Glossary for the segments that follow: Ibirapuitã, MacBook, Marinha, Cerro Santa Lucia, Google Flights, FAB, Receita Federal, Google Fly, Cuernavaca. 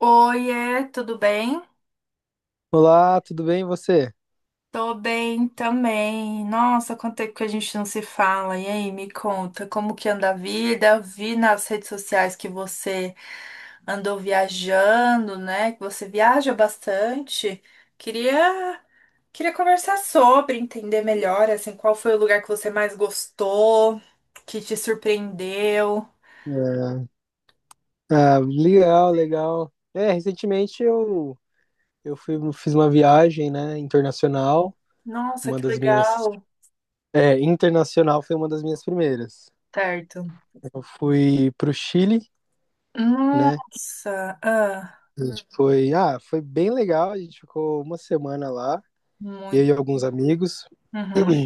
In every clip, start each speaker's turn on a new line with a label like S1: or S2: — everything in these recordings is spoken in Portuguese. S1: Oiê, tudo bem?
S2: Olá, tudo bem e você?
S1: Tô bem também. Nossa, quanto tempo que a gente não se fala. E aí, me conta, como que anda a vida? Vi nas redes sociais que você andou viajando, né? Que você viaja bastante. Queria, queria conversar sobre, entender melhor, assim, qual foi o lugar que você mais gostou, que te surpreendeu.
S2: É, ah, legal, legal. É, recentemente eu fiz uma viagem, né, internacional,
S1: Nossa,
S2: uma
S1: que
S2: das minhas,
S1: legal.
S2: internacional foi uma das minhas primeiras.
S1: Certo.
S2: Eu fui pro Chile, né,
S1: Nossa, ah,
S2: a gente foi bem legal, a gente ficou uma semana lá, eu
S1: muito.
S2: e alguns amigos,
S1: Uhum,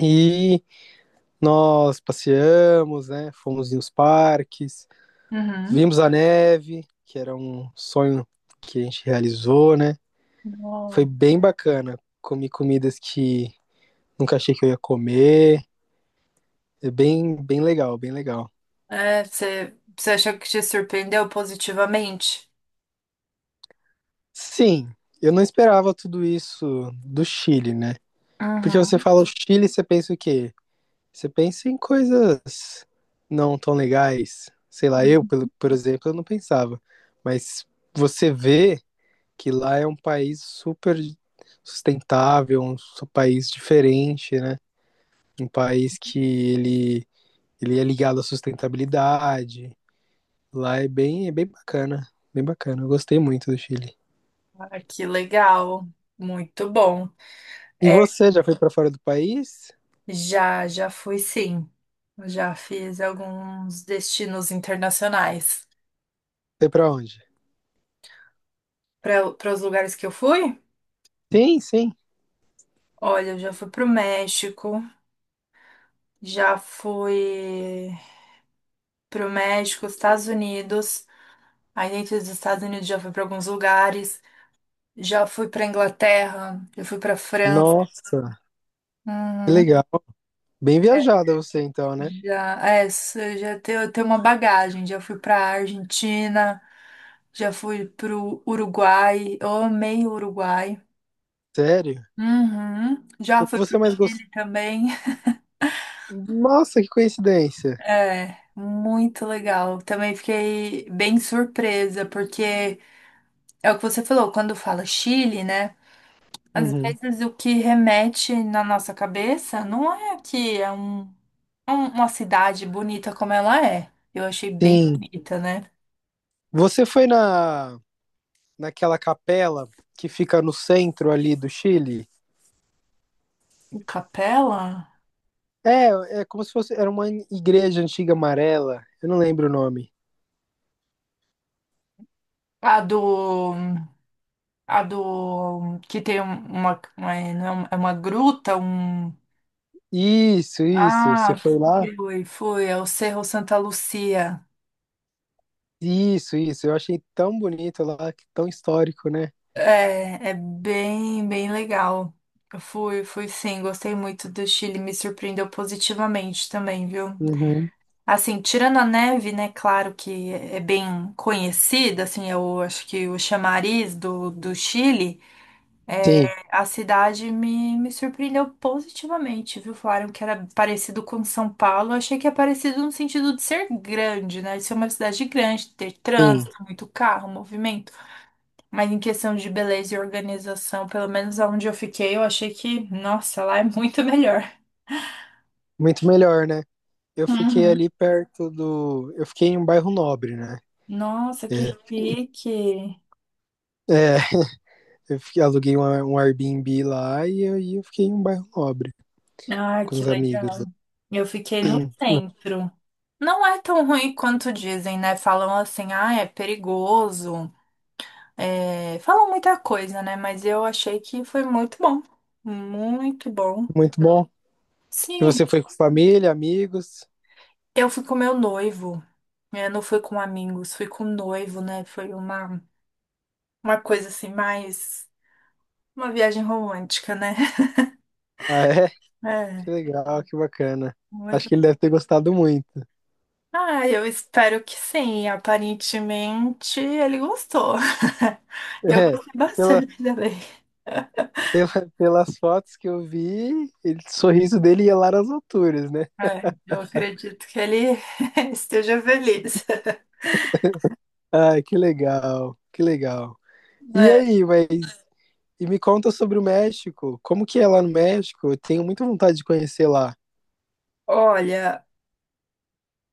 S2: e nós passeamos, né, fomos em uns parques,
S1: uhum.
S2: vimos a neve, que era um sonho que a gente realizou, né. Foi
S1: Nossa.
S2: bem bacana. Comi comidas que nunca achei que eu ia comer. É bem, bem legal, bem legal.
S1: É, você achou que te surpreendeu positivamente?
S2: Sim, eu não esperava tudo isso do Chile, né? Porque você
S1: Uhum.
S2: fala o Chile, você pensa o quê? Você pensa em coisas não tão legais. Sei lá, eu, por exemplo, eu não pensava. Mas você vê que lá é um país super sustentável, um país diferente, né? Um país. Que ele Ele é ligado à sustentabilidade. Lá é bem bacana. Bem bacana. Eu gostei muito do Chile.
S1: Ah, que legal. Muito bom.
S2: E
S1: É,
S2: você já foi para fora do país?
S1: já fui sim. Já fiz alguns destinos internacionais.
S2: Foi para onde?
S1: Para os lugares que eu fui?
S2: Sim, sim.
S1: Olha, eu já fui para o México, já fui Estados Unidos. Aí dentro dos Estados Unidos já fui para alguns lugares. Já fui para Inglaterra, já fui para França.
S2: Nossa, que
S1: Uhum.
S2: legal. Bem viajada você então, né?
S1: Já, é, cê já tem, eu tenho uma bagagem. Já fui pra Argentina, já fui pro Uruguai. Eu amei o Uruguai.
S2: Sério?
S1: Uhum. Já
S2: O que
S1: fui
S2: você
S1: pro
S2: mais gostou?
S1: Chile também.
S2: Nossa, que coincidência.
S1: É, muito legal. Também fiquei bem surpresa, porque é o que você falou, quando fala Chile, né? Às
S2: Uhum.
S1: vezes o que remete na nossa cabeça não é que é uma cidade bonita como ela é. Eu achei bem
S2: Sim.
S1: bonita, né?
S2: Você foi na naquela capela que fica no centro ali do Chile?
S1: Capela?
S2: É como se fosse era uma igreja antiga amarela. Eu não lembro o nome.
S1: A do. A do. Que tem não é uma, é uma gruta, um.
S2: Isso, isso. Você
S1: Ah,
S2: foi lá?
S1: fui. É o Cerro Santa Lucia.
S2: Isso, isso. Eu achei tão bonito lá, que tão histórico, né?
S1: É, bem legal. Eu fui sim. Gostei muito do Chile. Me surpreendeu positivamente também, viu?
S2: Uhum.
S1: Assim, tirando a neve, né? Claro que é bem conhecida, assim, eu acho que o chamariz do Chile.
S2: Sim,
S1: A cidade me surpreendeu positivamente, viu? Falaram que era parecido com São Paulo. Eu achei que é parecido no sentido de ser grande, né? De ser uma cidade grande, ter
S2: sim.
S1: trânsito, muito carro, movimento. Mas em questão de beleza e organização, pelo menos onde eu fiquei, eu achei que, nossa, lá é muito melhor.
S2: Muito melhor, né? Eu fiquei
S1: Uhum.
S2: ali perto do. Eu fiquei em um bairro nobre, né?
S1: Nossa,
S2: É,
S1: que chique!
S2: é, aluguei um Airbnb lá e eu fiquei em um bairro nobre
S1: Ah,
S2: com
S1: que
S2: os amigos.
S1: legal. Eu fiquei no centro. Não é tão ruim quanto dizem, né? Falam assim, ah, é perigoso. É, falam muita coisa, né? Mas eu achei que foi muito bom. Muito bom.
S2: Muito bom. E
S1: Sim,
S2: você foi com família, amigos?
S1: eu fui com meu noivo. Eu não fui com amigos, fui com noivo, né? Foi uma coisa assim, mais uma viagem romântica, né?
S2: Ah, é? Que
S1: É.
S2: legal, que bacana. Acho
S1: muito-
S2: que ele deve ter gostado muito.
S1: Ah, eu espero que sim. Aparentemente ele gostou. Eu
S2: É,
S1: gostei
S2: pela-
S1: bastante dele.
S2: Pela- pelas fotos que eu vi, ele, o sorriso dele ia lá nas alturas, né?
S1: É, eu acredito que ele esteja feliz.
S2: Ai, que legal, que legal. E
S1: É,
S2: aí, e me conta sobre o México. Como que é lá no México? Eu tenho muita vontade de conhecer lá.
S1: Olha.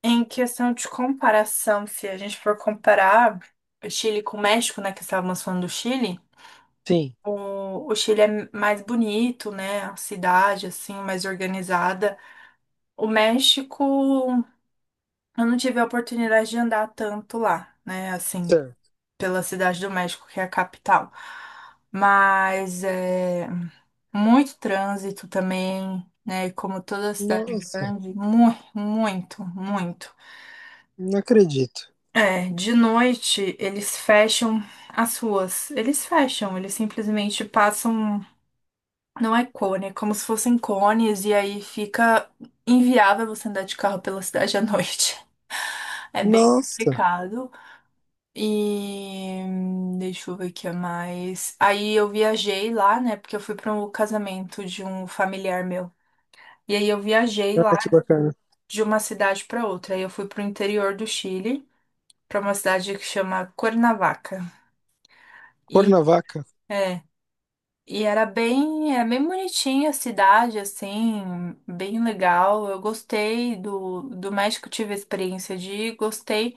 S1: Em questão de comparação, se a gente for comparar o Chile com o México, né, que estávamos falando do Chile,
S2: Sim.
S1: o Chile é mais bonito, né, a cidade, assim, mais organizada. O México, eu não tive a oportunidade de andar tanto lá, né, assim,
S2: Certo.
S1: pela cidade do México, que é a capital. Mas é muito trânsito também, né, como toda cidade
S2: Nossa,
S1: grande, muito, muito, muito.
S2: não acredito.
S1: É, de noite eles fecham as ruas. Eles fecham, eles simplesmente passam. Não é cone, é como se fossem cones, e aí fica inviável você andar de carro pela cidade à noite. É bem
S2: Nossa,
S1: complicado. E deixa eu ver o que é mais. Aí eu viajei lá, né? Porque eu fui para um casamento de um familiar meu. E aí eu viajei
S2: ah,
S1: lá
S2: que bacana.
S1: de uma cidade para outra. Aí eu fui pro interior do Chile, para uma cidade que chama Cuernavaca. E
S2: Cuernavaca?
S1: é, E era bem bonitinha a cidade, assim, bem legal. Eu gostei do México, tive a experiência de ir, gostei.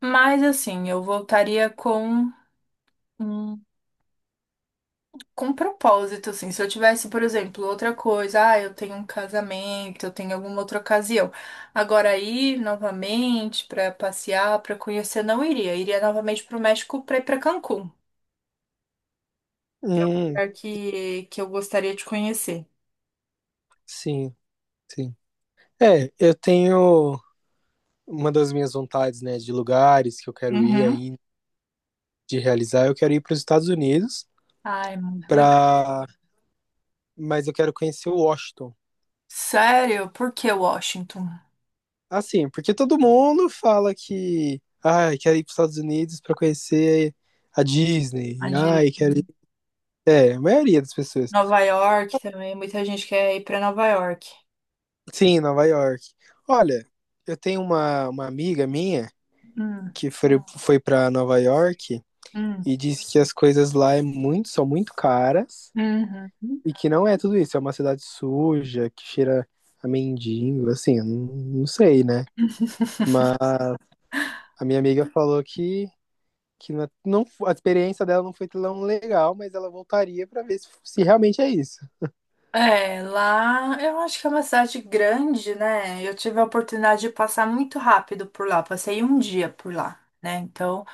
S1: Mas, assim, eu voltaria um- com um propósito, assim. Se eu tivesse, por exemplo, outra coisa, ah, eu tenho um casamento, eu tenho alguma outra ocasião. Agora, ir novamente para passear, para conhecer, não iria. Iria novamente para o México para ir para Cancún,
S2: Hum,
S1: lugar que eu gostaria de conhecer.
S2: sim, sim. É, eu tenho uma das minhas vontades, né, de lugares que eu quero ir
S1: Uhum.
S2: ainda, de realizar. Eu quero ir para os Estados Unidos
S1: Ai, muito legal.
S2: para mas eu quero conhecer o Washington.
S1: Sério? Por que Washington?
S2: Assim, porque todo mundo fala que, ai, quero ir para os Estados Unidos para conhecer a
S1: A
S2: Disney.
S1: de
S2: Ai, quero ir. É, a maioria das pessoas.
S1: Nova York também, muita gente quer ir pra Nova York.
S2: Sim, Nova York. Olha, eu tenho uma amiga minha
S1: Hum,
S2: que foi para Nova York
S1: hum,
S2: e disse que as coisas lá são muito caras
S1: uhum.
S2: e que não é tudo isso. É uma cidade suja, que cheira a mendigo, assim, eu não sei, né? Mas a minha amiga falou que a experiência dela não foi tão legal, mas ela voltaria pra ver se realmente é isso.
S1: É, lá eu acho que é uma cidade grande, né? Eu tive a oportunidade de passar muito rápido por lá, passei um dia por lá, né? Então,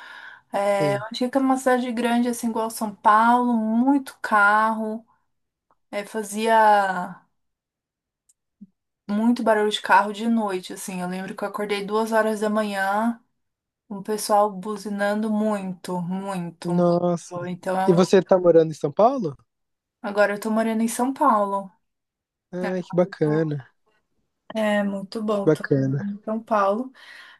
S1: é, eu
S2: Sim.
S1: achei que é uma cidade grande, assim, igual São Paulo, muito carro, é, fazia muito barulho de carro de noite, assim. Eu lembro que eu acordei 2 horas da manhã. Um pessoal buzinando muito, muito,
S2: Nossa.
S1: muito. Então é
S2: E
S1: um.
S2: você tá morando em São Paulo?
S1: Agora eu tô morando em São Paulo. Né?
S2: Ai, que
S1: Eu tô-
S2: bacana,
S1: É muito
S2: que
S1: bom, tô
S2: bacana.
S1: em São Paulo.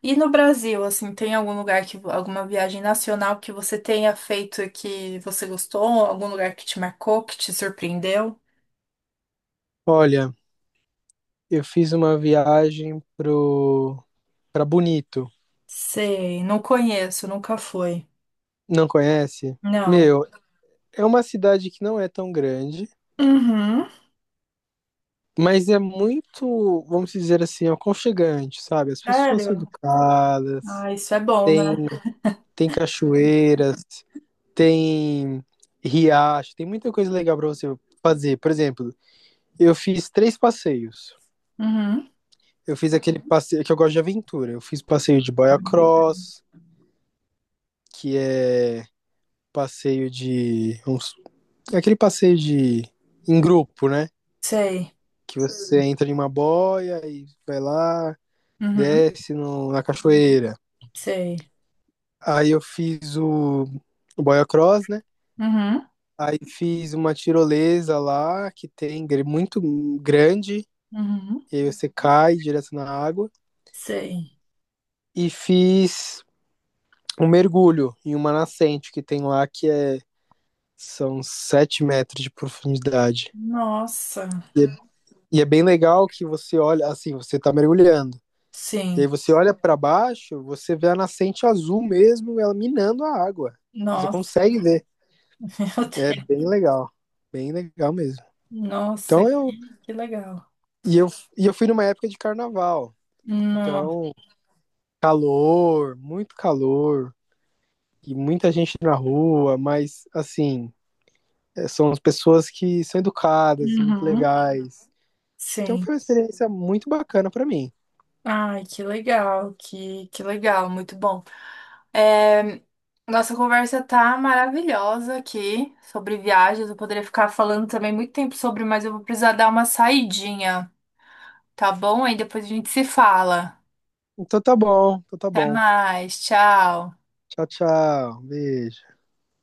S1: E no Brasil, assim, tem algum lugar que alguma viagem nacional que você tenha feito e que você gostou? Algum lugar que te marcou, que te surpreendeu?
S2: Olha, eu fiz uma viagem pro para Bonito.
S1: Sei, não conheço, nunca fui.
S2: Não conhece?
S1: Não.
S2: Meu, é uma cidade que não é tão grande,
S1: Uhum.
S2: mas é muito, vamos dizer assim, aconchegante, sabe? As pessoas são
S1: Sério?
S2: educadas,
S1: Ah, isso é bom,
S2: tem
S1: né?
S2: tem cachoeiras, tem riacho, tem muita coisa legal para você fazer. Por exemplo, eu fiz três passeios.
S1: Uhum.
S2: Eu fiz aquele passeio que eu gosto de aventura. Eu fiz passeio de boia cross, que é passeio de. Uns- aquele passeio de. Em grupo, né?
S1: Sei.
S2: Que você entra em uma boia e vai lá,
S1: Uhum.
S2: desce na cachoeira.
S1: Sei.
S2: Aí eu fiz o boia cross, né?
S1: Uhum.
S2: Aí fiz uma tirolesa lá, que tem muito grande,
S1: Uhum.
S2: e aí você cai direto na água.
S1: Sei.
S2: E fiz um mergulho em uma nascente que tem lá, são 7 metros de profundidade.
S1: Nossa,
S2: E é, e é bem legal que você olha, assim, você tá mergulhando. E aí
S1: sim.
S2: você olha para baixo, você vê a nascente azul mesmo, ela minando a água. Você
S1: Nossa,
S2: consegue ver.
S1: meu
S2: É
S1: Deus.
S2: bem legal. Bem legal mesmo.
S1: Nossa,
S2: Então eu.
S1: que legal.
S2: E eu, e eu fui numa época de carnaval.
S1: No.
S2: Então, calor, muito calor. E muita gente na rua, mas assim, são as pessoas que são educadas, muito
S1: Uhum.
S2: legais. Então
S1: Sim.
S2: foi uma experiência muito bacana pra mim.
S1: Ai, que legal, que legal, muito bom. É, nossa conversa tá maravilhosa aqui sobre viagens. Eu poderia ficar falando também muito tempo sobre, mas eu vou precisar dar uma saidinha, tá bom? Aí depois a gente se fala.
S2: Então tá bom, então tá
S1: Até
S2: bom.
S1: mais, tchau.
S2: Tchau, tchau. Beijo.